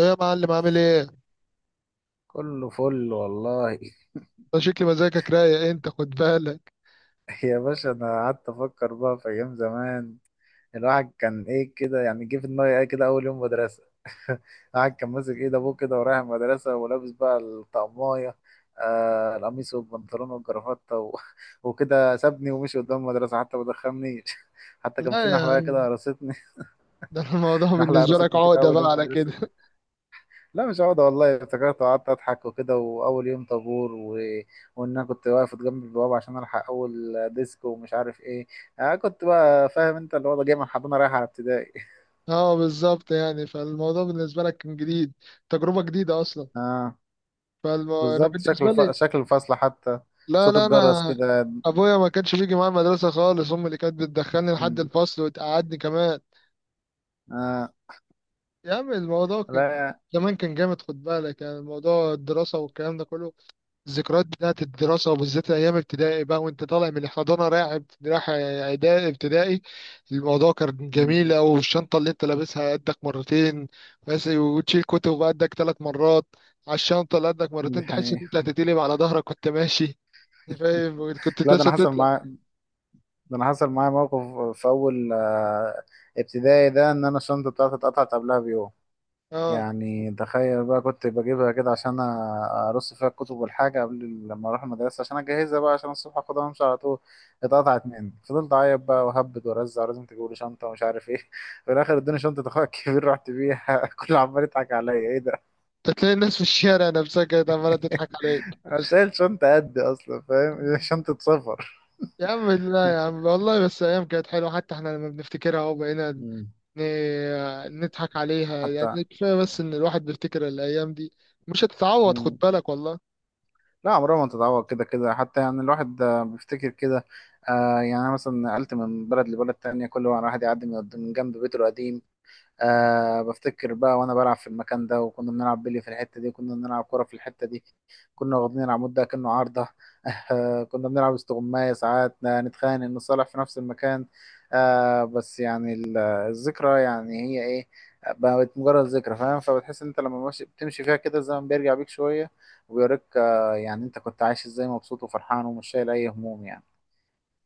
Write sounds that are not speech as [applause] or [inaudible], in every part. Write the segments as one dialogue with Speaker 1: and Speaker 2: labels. Speaker 1: ايه يا معلم؟ عامل ايه؟
Speaker 2: كله فل والله.
Speaker 1: ده شكل مزاجك رايق، انت خد بالك.
Speaker 2: [laughs] يا باشا، انا قعدت افكر بقى في ايام زمان. الواحد كان ايه كده، يعني جه في دماغي ايه كده اول يوم مدرسه. [laughs] الواحد كان ماسك ايد ابوه كده ورايح المدرسه ولابس بقى الطقمايه. القميص والبنطلون والجرافته. [laughs] وكده سابني ومشي قدام المدرسه، حتى ما دخلنيش. [laughs] حتى كان في
Speaker 1: لا يا
Speaker 2: نحله كده
Speaker 1: عم.
Speaker 2: قرصتني.
Speaker 1: [laughs] ده الموضوع
Speaker 2: [laughs] نحله
Speaker 1: بالنسبة لك
Speaker 2: قرصتني كده
Speaker 1: عقدة
Speaker 2: اول
Speaker 1: بقى
Speaker 2: يوم
Speaker 1: على
Speaker 2: مدرسه.
Speaker 1: كده. [laughs]
Speaker 2: لا، مش عقدة والله، افتكرت وقعدت أضحك وكده، وأول يوم طابور. وإن أنا كنت واقف جنب البوابة عشان ألحق أول ديسك ومش عارف إيه. أنا كنت بقى فاهم أنت اللي هو جاي من حضانة رايح على ابتدائي.
Speaker 1: اه بالظبط، يعني فالموضوع بالنسبة لك كان جديد، تجربة جديدة اصلا.
Speaker 2: [laughs] آه.
Speaker 1: فانا
Speaker 2: بالظبط، شكل
Speaker 1: بالنسبة لي،
Speaker 2: شكل الفصل حتى.
Speaker 1: لا
Speaker 2: صوت
Speaker 1: لا
Speaker 2: الجرس
Speaker 1: انا
Speaker 2: كده.
Speaker 1: ابويا ما كانش بيجي معايا المدرسة خالص، امي اللي كانت بتدخلني لحد
Speaker 2: [laughs]
Speaker 1: الفصل وتقعدني كمان.
Speaker 2: آه.
Speaker 1: يا عم الموضوع كان
Speaker 2: لا.
Speaker 1: زمان كان جامد، خد بالك يعني، الموضوع الدراسة والكلام ده كله. الذكريات بتاعت الدراسة، وبالذات أيام ابتدائي بقى وأنت طالع من الحضانة رايح رايح إعدادي ابتدائي. الموضوع كان
Speaker 2: مم.
Speaker 1: جميل أوي، الشنطة اللي أنت لابسها قدك مرتين بس، وتشيل كتب قدك ثلاث مرات، على الشنطة اللي قدك
Speaker 2: دي
Speaker 1: مرتين تحس إن
Speaker 2: حقيقة.
Speaker 1: أنت هتتقلب على ظهرك وأنت ماشي. [laughs] فاهم؟ كنت
Speaker 2: لا، ده أنا
Speaker 1: لسه
Speaker 2: حصل
Speaker 1: تطلع.
Speaker 2: معايا. ده أنا حصل معايا موقف في أول ابتدائي ده، إن أنا الشنطة بتاعتي اتقطعت قبلها بيوم.
Speaker 1: أه،
Speaker 2: يعني تخيل بقى، كنت بجيبها كده عشان ارص فيها الكتب والحاجه قبل لما اروح المدرسه، عشان اجهزها بقى عشان الصبح اخدها وامشي على طول. اتقطعت مني، فضلت اعيط بقى وهبد وارزع، ولازم تجيبوا لي شنطه ومش عارف ايه. [laughs] في الاخر ادوني شنطه اخويا الكبير، رحت بيها. [laughs] كله عمال يضحك عليا، ايه ده.
Speaker 1: أنت تلاقي الناس في الشارع نفسها كانت عمالة تضحك عليك.
Speaker 2: [laughs] انا شايل شنطه قد، اصلا فاهم، [laughs] شنطه سفر.
Speaker 1: يا عم لا يا عم، والله بس أيام كانت حلوة، حتى إحنا لما بنفتكرها أهو بقينا
Speaker 2: مم.
Speaker 1: نضحك عليها
Speaker 2: حتى.
Speaker 1: يعني. كفاية بس إن الواحد بيفتكر الأيام دي، مش هتتعوض، خد
Speaker 2: مم.
Speaker 1: بالك والله.
Speaker 2: لا، عمرها ما تتعوض. كده كده حتى، يعني الواحد بيفتكر كده. آه، يعني أنا مثلا نقلت من بلد لبلد تانية، كل واحد يعدي من جنب بيته القديم. أه، بفتكر بقى وانا بلعب في المكان ده، وكنا بنلعب بلي في الحته دي، كنا بنلعب كره في الحته دي. كنا واخدين العمود ده كأنه عارضه. [laughs] أه كنا بنلعب استغماية ساعات، نتخانق نصالح في نفس المكان. أه، بس يعني الذكرى يعني هي ايه. آه، بقت مجرد ذكرى، فاهم؟ فبتحس ان انت لما ماشي بتمشي فيها كده الزمن بيرجع بيك شويه، وبيوريك، يعني انت كنت عايش ازاي، مبسوط وفرحان ومش شايل اي هموم يعني.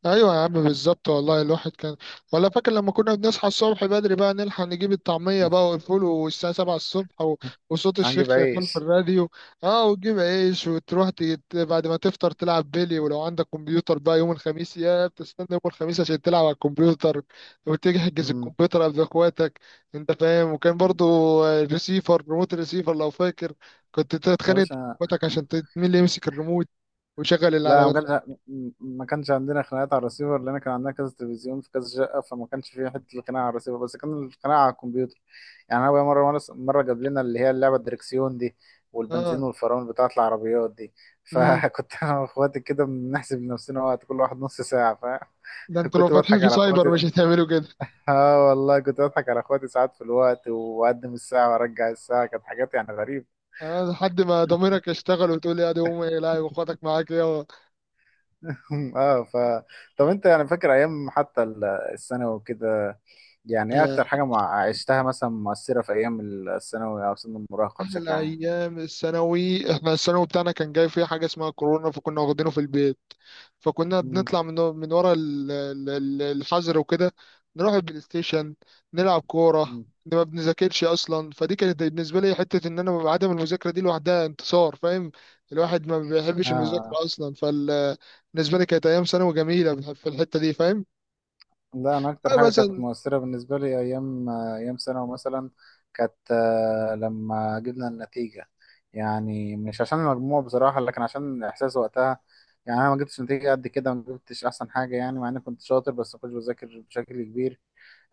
Speaker 1: ايوه يا عم بالظبط والله، الواحد كان، ولا فاكر لما كنا بنصحى الصبح بدري بقى نلحق نجيب الطعميه بقى والفول، والساعه 7 الصبح، و...
Speaker 2: [laughs]
Speaker 1: وصوت الشيخ
Speaker 2: عجب
Speaker 1: شغال في
Speaker 2: عيش.
Speaker 1: الراديو. اه، وتجيب عيش وتروح تيت، بعد ما تفطر تلعب بيلي، ولو عندك كمبيوتر بقى يوم الخميس، يا بتستنى يوم الخميس عشان تلعب على الكمبيوتر، وتحجز
Speaker 2: مم.
Speaker 1: الكمبيوتر قبل اخواتك. انت فاهم؟ وكان برضو الريسيفر، ريموت الريسيفر لو فاكر، كنت
Speaker 2: يا
Speaker 1: تتخانق انت
Speaker 2: باشا.
Speaker 1: واخواتك عشان مين اللي يمسك الريموت ويشغل اللي
Speaker 2: لا،
Speaker 1: على
Speaker 2: ما كانش. ما كانش عندنا خناقات على الرسيفر، لان كان عندنا كذا تلفزيون في كذا شقه، فما كانش فيه حته الخناقه على الرسيفر، بس كان الخناقه على الكمبيوتر. يعني انا بقى مره جاب لنا اللي هي اللعبه الدركسيون دي،
Speaker 1: مزاجه.
Speaker 2: والبنزين والفرامل بتاعه العربيات دي.
Speaker 1: اه،
Speaker 2: فكنت [laughs] انا واخواتي كده بنحسب لنفسنا وقت كل واحد نص ساعه.
Speaker 1: ده انتوا لو
Speaker 2: فكنت [laughs]
Speaker 1: فاتحين
Speaker 2: بضحك
Speaker 1: في
Speaker 2: على
Speaker 1: سايبر
Speaker 2: اخواتي.
Speaker 1: مش
Speaker 2: [laughs]
Speaker 1: هتعملوا كده.
Speaker 2: اه والله كنت بضحك على اخواتي ساعات في الوقت، واقدم الساعه وارجع الساعه، كانت حاجات يعني غريبه.
Speaker 1: يعني لحد ما ضميرك يشتغل وتقول يا دي امي، لا واخواتك معاك، يا
Speaker 2: [laughs] اه طب انت يعني فاكر ايام حتى الثانوي وكده؟ يعني ايه اكتر
Speaker 1: آه،
Speaker 2: حاجة عشتها مثلا مؤثرة في ايام الثانوي او سن المراهقة بشكل
Speaker 1: احلى
Speaker 2: عام؟
Speaker 1: ايام الثانوي، احنا الثانوي بتاعنا كان جاي فيه حاجه اسمها كورونا، فكنا واخدينه في البيت. فكنا
Speaker 2: مم.
Speaker 1: بنطلع من ورا الحظر وكده، نروح البلاي ستيشن، نلعب كوره،
Speaker 2: مم.
Speaker 1: إن ما بنذاكرش اصلا، فدي كانت بالنسبه لي حته ان انا ببقى عدم المذاكره دي لوحدها انتصار، فاهم؟ الواحد ما بيحبش
Speaker 2: آه.
Speaker 1: المذاكره اصلا، فبالنسبه لي كانت ايام ثانوي جميله في الحته دي، فاهم؟
Speaker 2: لا، أنا أكتر
Speaker 1: أيوة
Speaker 2: حاجة كانت
Speaker 1: مثلا.
Speaker 2: مؤثرة بالنسبة لي أيام ثانوي مثلا، كانت لما جبنا النتيجة. يعني مش عشان المجموع بصراحة، لكن عشان الإحساس وقتها. يعني أنا ما جبتش نتيجة قد كده، ما جبتش أحسن حاجة يعني، مع إني كنت شاطر بس ما كنتش بذاكر بشكل كبير.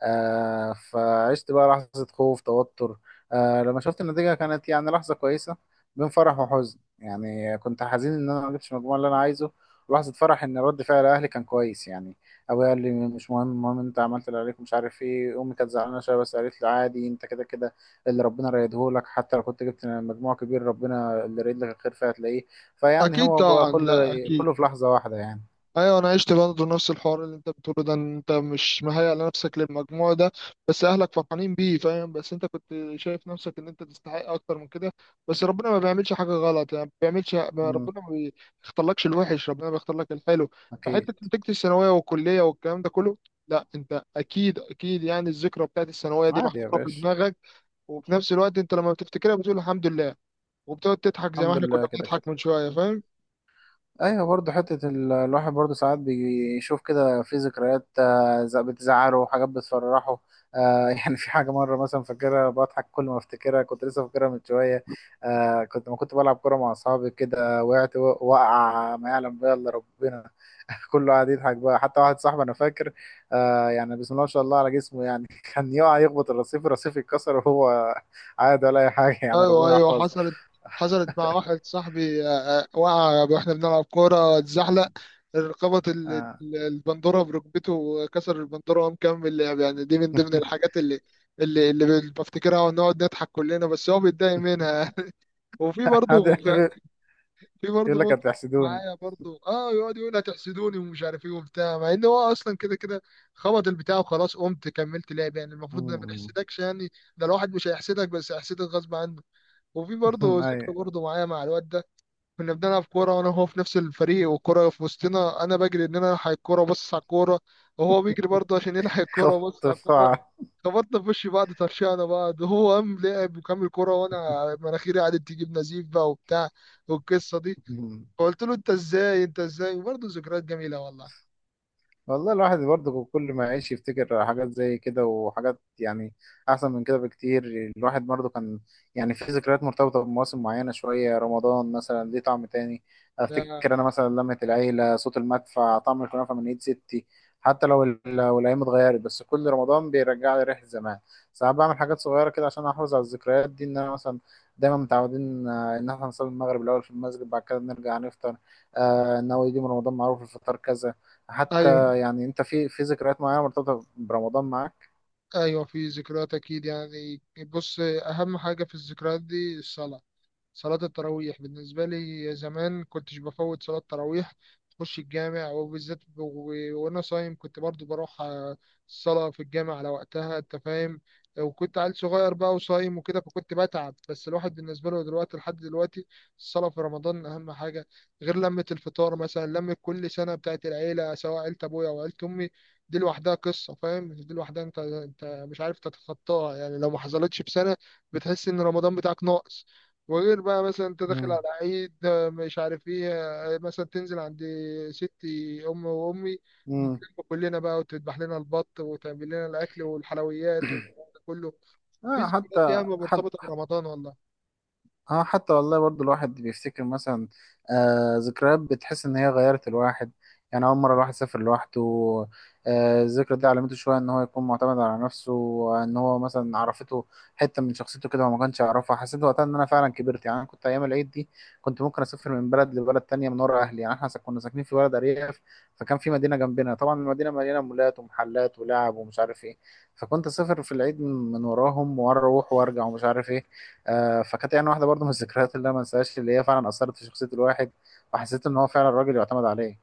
Speaker 2: آه، فعشت بقى لحظة خوف، توتر. آه، لما شفت النتيجة كانت يعني لحظة كويسة. بين فرح وحزن، يعني كنت حزين إن أنا ما جبتش المجموع اللي أنا عايزه، ولحظة فرح إن رد فعل أهلي كان كويس يعني. أبويا قال لي مش مهم، المهم أنت عملت اللي عليك، ومش عارف إيه. أمي كانت زعلانة شوية، بس قالت لي عادي، أنت كده كده اللي ربنا رايدهولك، حتى لو كنت جبت مجموع كبير، ربنا اللي رايد لك الخير فهتلاقيه. فيعني
Speaker 1: أكيد
Speaker 2: هو بقى
Speaker 1: طبعا، لا
Speaker 2: كل،
Speaker 1: أكيد.
Speaker 2: كله في لحظة واحدة يعني.
Speaker 1: أيوة أنا عشت برضه نفس الحوار اللي أنت بتقوله ده، إن أنت مش مهيأ لنفسك للمجموع ده، بس أهلك فرحانين بيه، فاهم؟ بس أنت كنت شايف نفسك إن أنت تستحق أكتر من كده. بس ربنا ما بيعملش حاجة غلط يعني، ما بيعملش
Speaker 2: مم.
Speaker 1: ربنا ما بيختارلكش الوحش، ربنا بيختار لك الحلو. فحتة
Speaker 2: أكيد.
Speaker 1: نتيجة الثانوية والكلية والكلام ده كله، لا انت اكيد يعني الذكرى بتاعت الثانويه دي
Speaker 2: عادي يا
Speaker 1: محفوره في
Speaker 2: باشا.
Speaker 1: دماغك، وفي نفس الوقت انت لما بتفتكرها بتقول الحمد لله، وبتقعد تضحك زي ما
Speaker 2: الحمد
Speaker 1: احنا
Speaker 2: لله
Speaker 1: كنا
Speaker 2: كده
Speaker 1: بنضحك
Speaker 2: كده.
Speaker 1: من شويه، فاهم؟
Speaker 2: ايوه برضه حته الواحد برضه ساعات بيشوف كده في ذكريات، بتزعله وحاجات بتفرحه. آه، [laughs] يعني في حاجه مره مثلا فاكرها، بضحك كل ما افتكرها، كنت لسه فاكرها من شويه. آه، كنت ما كنت بلعب كوره مع اصحابي كده، وقعت وقع ما يعلم بها الا ربنا. [laughs] كله قاعد يضحك بقى، حتى واحد صاحبي انا فاكر، يعني بسم الله ما شاء الله على جسمه يعني. [laughs] كان يقع يخبط الرصيف، الرصيف يتكسر وهو عادي ولا اي حاجه يعني،
Speaker 1: ايوه
Speaker 2: ربنا
Speaker 1: ايوه،
Speaker 2: يحفظه.
Speaker 1: حصلت، حصلت مع واحد صاحبي آه، آه، وقع واحنا بنلعب كوره، اتزحلق، ربط
Speaker 2: آه.
Speaker 1: البندوره بركبته، وكسر البندوره وقام مكمل لعب. يعني دي من ضمن
Speaker 2: [laughs]
Speaker 1: الحاجات اللي بفتكرها ونقعد نضحك كلنا، بس هو بيتضايق منها. [laughs] وفي
Speaker 2: قاعد
Speaker 1: برضه، في برضه
Speaker 2: يقول لك
Speaker 1: موقف
Speaker 2: هتحسدوني.
Speaker 1: معايا برضه، اه يقعد يقول هتحسدوني ومش عارف ايه وبتاع، مع ان هو اصلا كده كده خبط البتاع وخلاص، قمت كملت لعب. يعني المفروض إن ما
Speaker 2: مم.
Speaker 1: نحسدكش يعني، ده الواحد مش هيحسدك، بس هيحسدك غصب عنه. وفي برضه
Speaker 2: [laughs] أي.
Speaker 1: ذكرى برضه معايا مع الواد ده، كنا بنلعب كورة وأنا وهو في نفس الفريق، والكورة في وسطنا، أنا بجري إن أنا ألحق الكورة وأبص على الكورة، وهو بيجري برضه عشان يلحق الكورة
Speaker 2: خفض
Speaker 1: وأبص على الكورة،
Speaker 2: الدفاع.
Speaker 1: خبطنا في وش بعض، طرشقنا بعض، وهو قام لعب وكمل كورة، وأنا مناخيري قعدت تجيب نزيف بقى وبتاع، والقصة دي.
Speaker 2: [laughs] مم.
Speaker 1: فقلت له أنت إزاي، أنت إزاي، برضه ذكريات جميلة والله.
Speaker 2: والله الواحد برضه كل ما يعيش يفتكر حاجات زي كده، وحاجات يعني أحسن من كده بكتير. الواحد برضه كان، يعني في ذكريات مرتبطة بمواسم معينة شوية. رمضان مثلا ليه طعم تاني.
Speaker 1: يا،
Speaker 2: أفتكر أنا مثلا لمة العيلة، صوت المدفع، طعم الكنافة من إيد ستي. حتى لو لو الأيام اتغيرت، بس كل رمضان بيرجع لي ريحة زمان. ساعات بعمل حاجات صغيرة كده عشان أحافظ على الذكريات دي. إن أنا مثلا دايما متعودين، إن إحنا نصلي المغرب الأول في المسجد، بعد كده نرجع نفطر. إن هو يجي من رمضان معروف الفطار كذا.
Speaker 1: أيوه
Speaker 2: حتى يعني انت في ذكريات معينه مرتبطه برمضان معاك؟
Speaker 1: أيوه، في ذكريات أكيد يعني. بص، أهم حاجة في الذكريات دي الصلاة، صلاة التراويح. بالنسبة لي زمان كنتش بفوت صلاة تراويح، تخش الجامع وبالذات وأنا صايم، كنت برضو بروح آه، الصلاة في الجامع على وقتها، أنت فاهم؟ وكنت عيل صغير بقى وصايم وكده فكنت بتعب، بس الواحد بالنسبة له دلوقتي لحد دلوقتي الصلاة في رمضان أهم حاجة. غير لمة الفطار مثلا، لمة كل سنة بتاعت العيلة، سواء عيلة أبويا أو عيلة أمي، دي لوحدها قصة، فاهم؟ دي لوحدها أنت أنت مش عارف تتخطاها يعني، لو ما حصلتش في سنة بتحس إن رمضان بتاعك ناقص. وغير بقى مثلا انت داخل
Speaker 2: مم.
Speaker 1: على عيد آه، مش عارف ايه، آه، مثلا تنزل عند ستي ام وامي،
Speaker 2: امم.
Speaker 1: نتلم كلنا بقى، وتذبح لنا البط وتعمل لنا الاكل والحلويات وكله. في
Speaker 2: آه،
Speaker 1: ذكريات
Speaker 2: حتى
Speaker 1: ياما مرتبطه
Speaker 2: حتى،
Speaker 1: برمضان والله.
Speaker 2: اه حتى والله برضو الواحد بيفتكر مثلا آه ذكريات بتحس ان هي غيرت الواحد. يعني اول مره الواحد سافر لوحده، آه الذكرى دي علمته شويه ان هو يكون معتمد على نفسه، وان هو مثلا عرفته حته من شخصيته كده هو ما كانش يعرفها. حسيت وقتها ان انا فعلا كبرت. يعني انا كنت ايام العيد دي كنت ممكن اسافر من بلد لبلد تانية من ورا اهلي. يعني احنا كنا ساكنين في بلد ارياف، فكان في مدينه جنبنا. طبعا المدينه مليانه مولات ومحلات ولعب ومش عارف ايه، فكنت اسافر في العيد من وراهم، واروح وارجع ومش عارف ايه. آه، فكانت يعني واحده برضو من الذكريات اللي انا ما انساهاش، اللي هي فعلا اثرت في شخصيه الواحد، وحسيت ان هو فعلا راجل يعتمد عليه.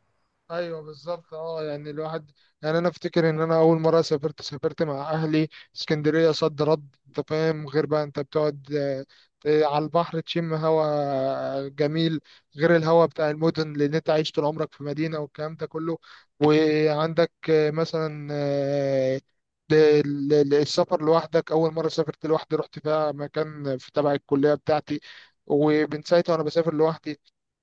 Speaker 1: ايوه بالظبط اه، يعني الواحد، يعني انا افتكر ان انا اول مره سافرت، سافرت مع اهلي اسكندريه صد رد، انت فاهم؟ غير بقى انت بتقعد آه، آه، على البحر تشم هوا جميل، غير الهوا بتاع المدن، لان انت عايش طول عمرك في مدينه والكلام ده كله. وعندك آه، مثلا آه، السفر لوحدك، اول مره سافرت لوحدي رحت فيها مكان في تبع الكليه بتاعتي، ومن ساعتها وانا بسافر لوحدي.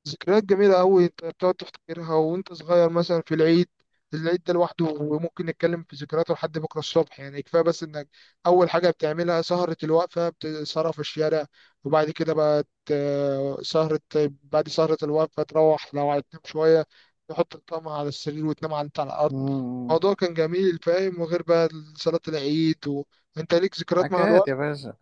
Speaker 1: ذكريات جميلة أوي أنت بتقعد تفتكرها وأنت صغير، مثلا في العيد، العيد ده لوحده، وممكن نتكلم في ذكرياته لحد بكرة الصبح. يعني كفاية بس إنك أول حاجة بتعملها سهرة الوقفة بتسهرها في الشارع، وبعد كده بقى ت- سهرة بعد سهرة الوقفة تروح لو هتنام شوية تحط الطعمة على السرير وتنام على أنت على الأرض.
Speaker 2: امم.
Speaker 1: الموضوع كان جميل فاهم، وغير بقى صلاة العيد، وأنت ليك ذكريات مع
Speaker 2: حكايات يا
Speaker 1: الوقت.
Speaker 2: باشا.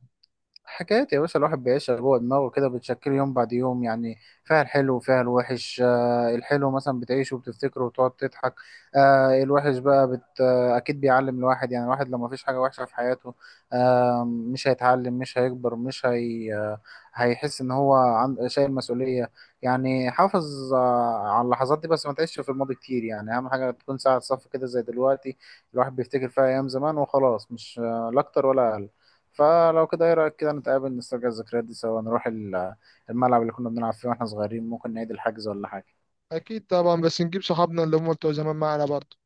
Speaker 2: حكايات يا باشا. الواحد بيعيشها جوه دماغه كده، بتشكل يوم بعد يوم يعني. فيها الحلو وفيها الوحش. آه الحلو مثلا بتعيشه وبتفتكره وتقعد تضحك. آه الوحش بقى بت آه أكيد بيعلم الواحد. يعني الواحد لو ما فيش حاجة وحشة في حياته، آه مش هيتعلم مش هيكبر مش هي آه هيحس إن هو عن شايل مسؤولية. يعني حافظ على اللحظات دي، بس ما تعيش في الماضي كتير يعني. أهم حاجة تكون ساعة صف كده زي دلوقتي، الواحد بيفتكر فيها أيام زمان وخلاص، مش لا أكتر ولا أقل. فلو كده ايه رأيك كده نتقابل نسترجع الذكريات دي سوا، نروح الملعب اللي كنا بنلعب فيه واحنا صغيرين، ممكن نعيد الحجز ولا حاجة؟
Speaker 1: أكيد طبعا، بس نجيب صحابنا اللي هم بتوع زمان معنا برضه.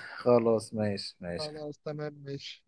Speaker 2: خلاص ماشي ماشي.
Speaker 1: خلاص تمام ماشي.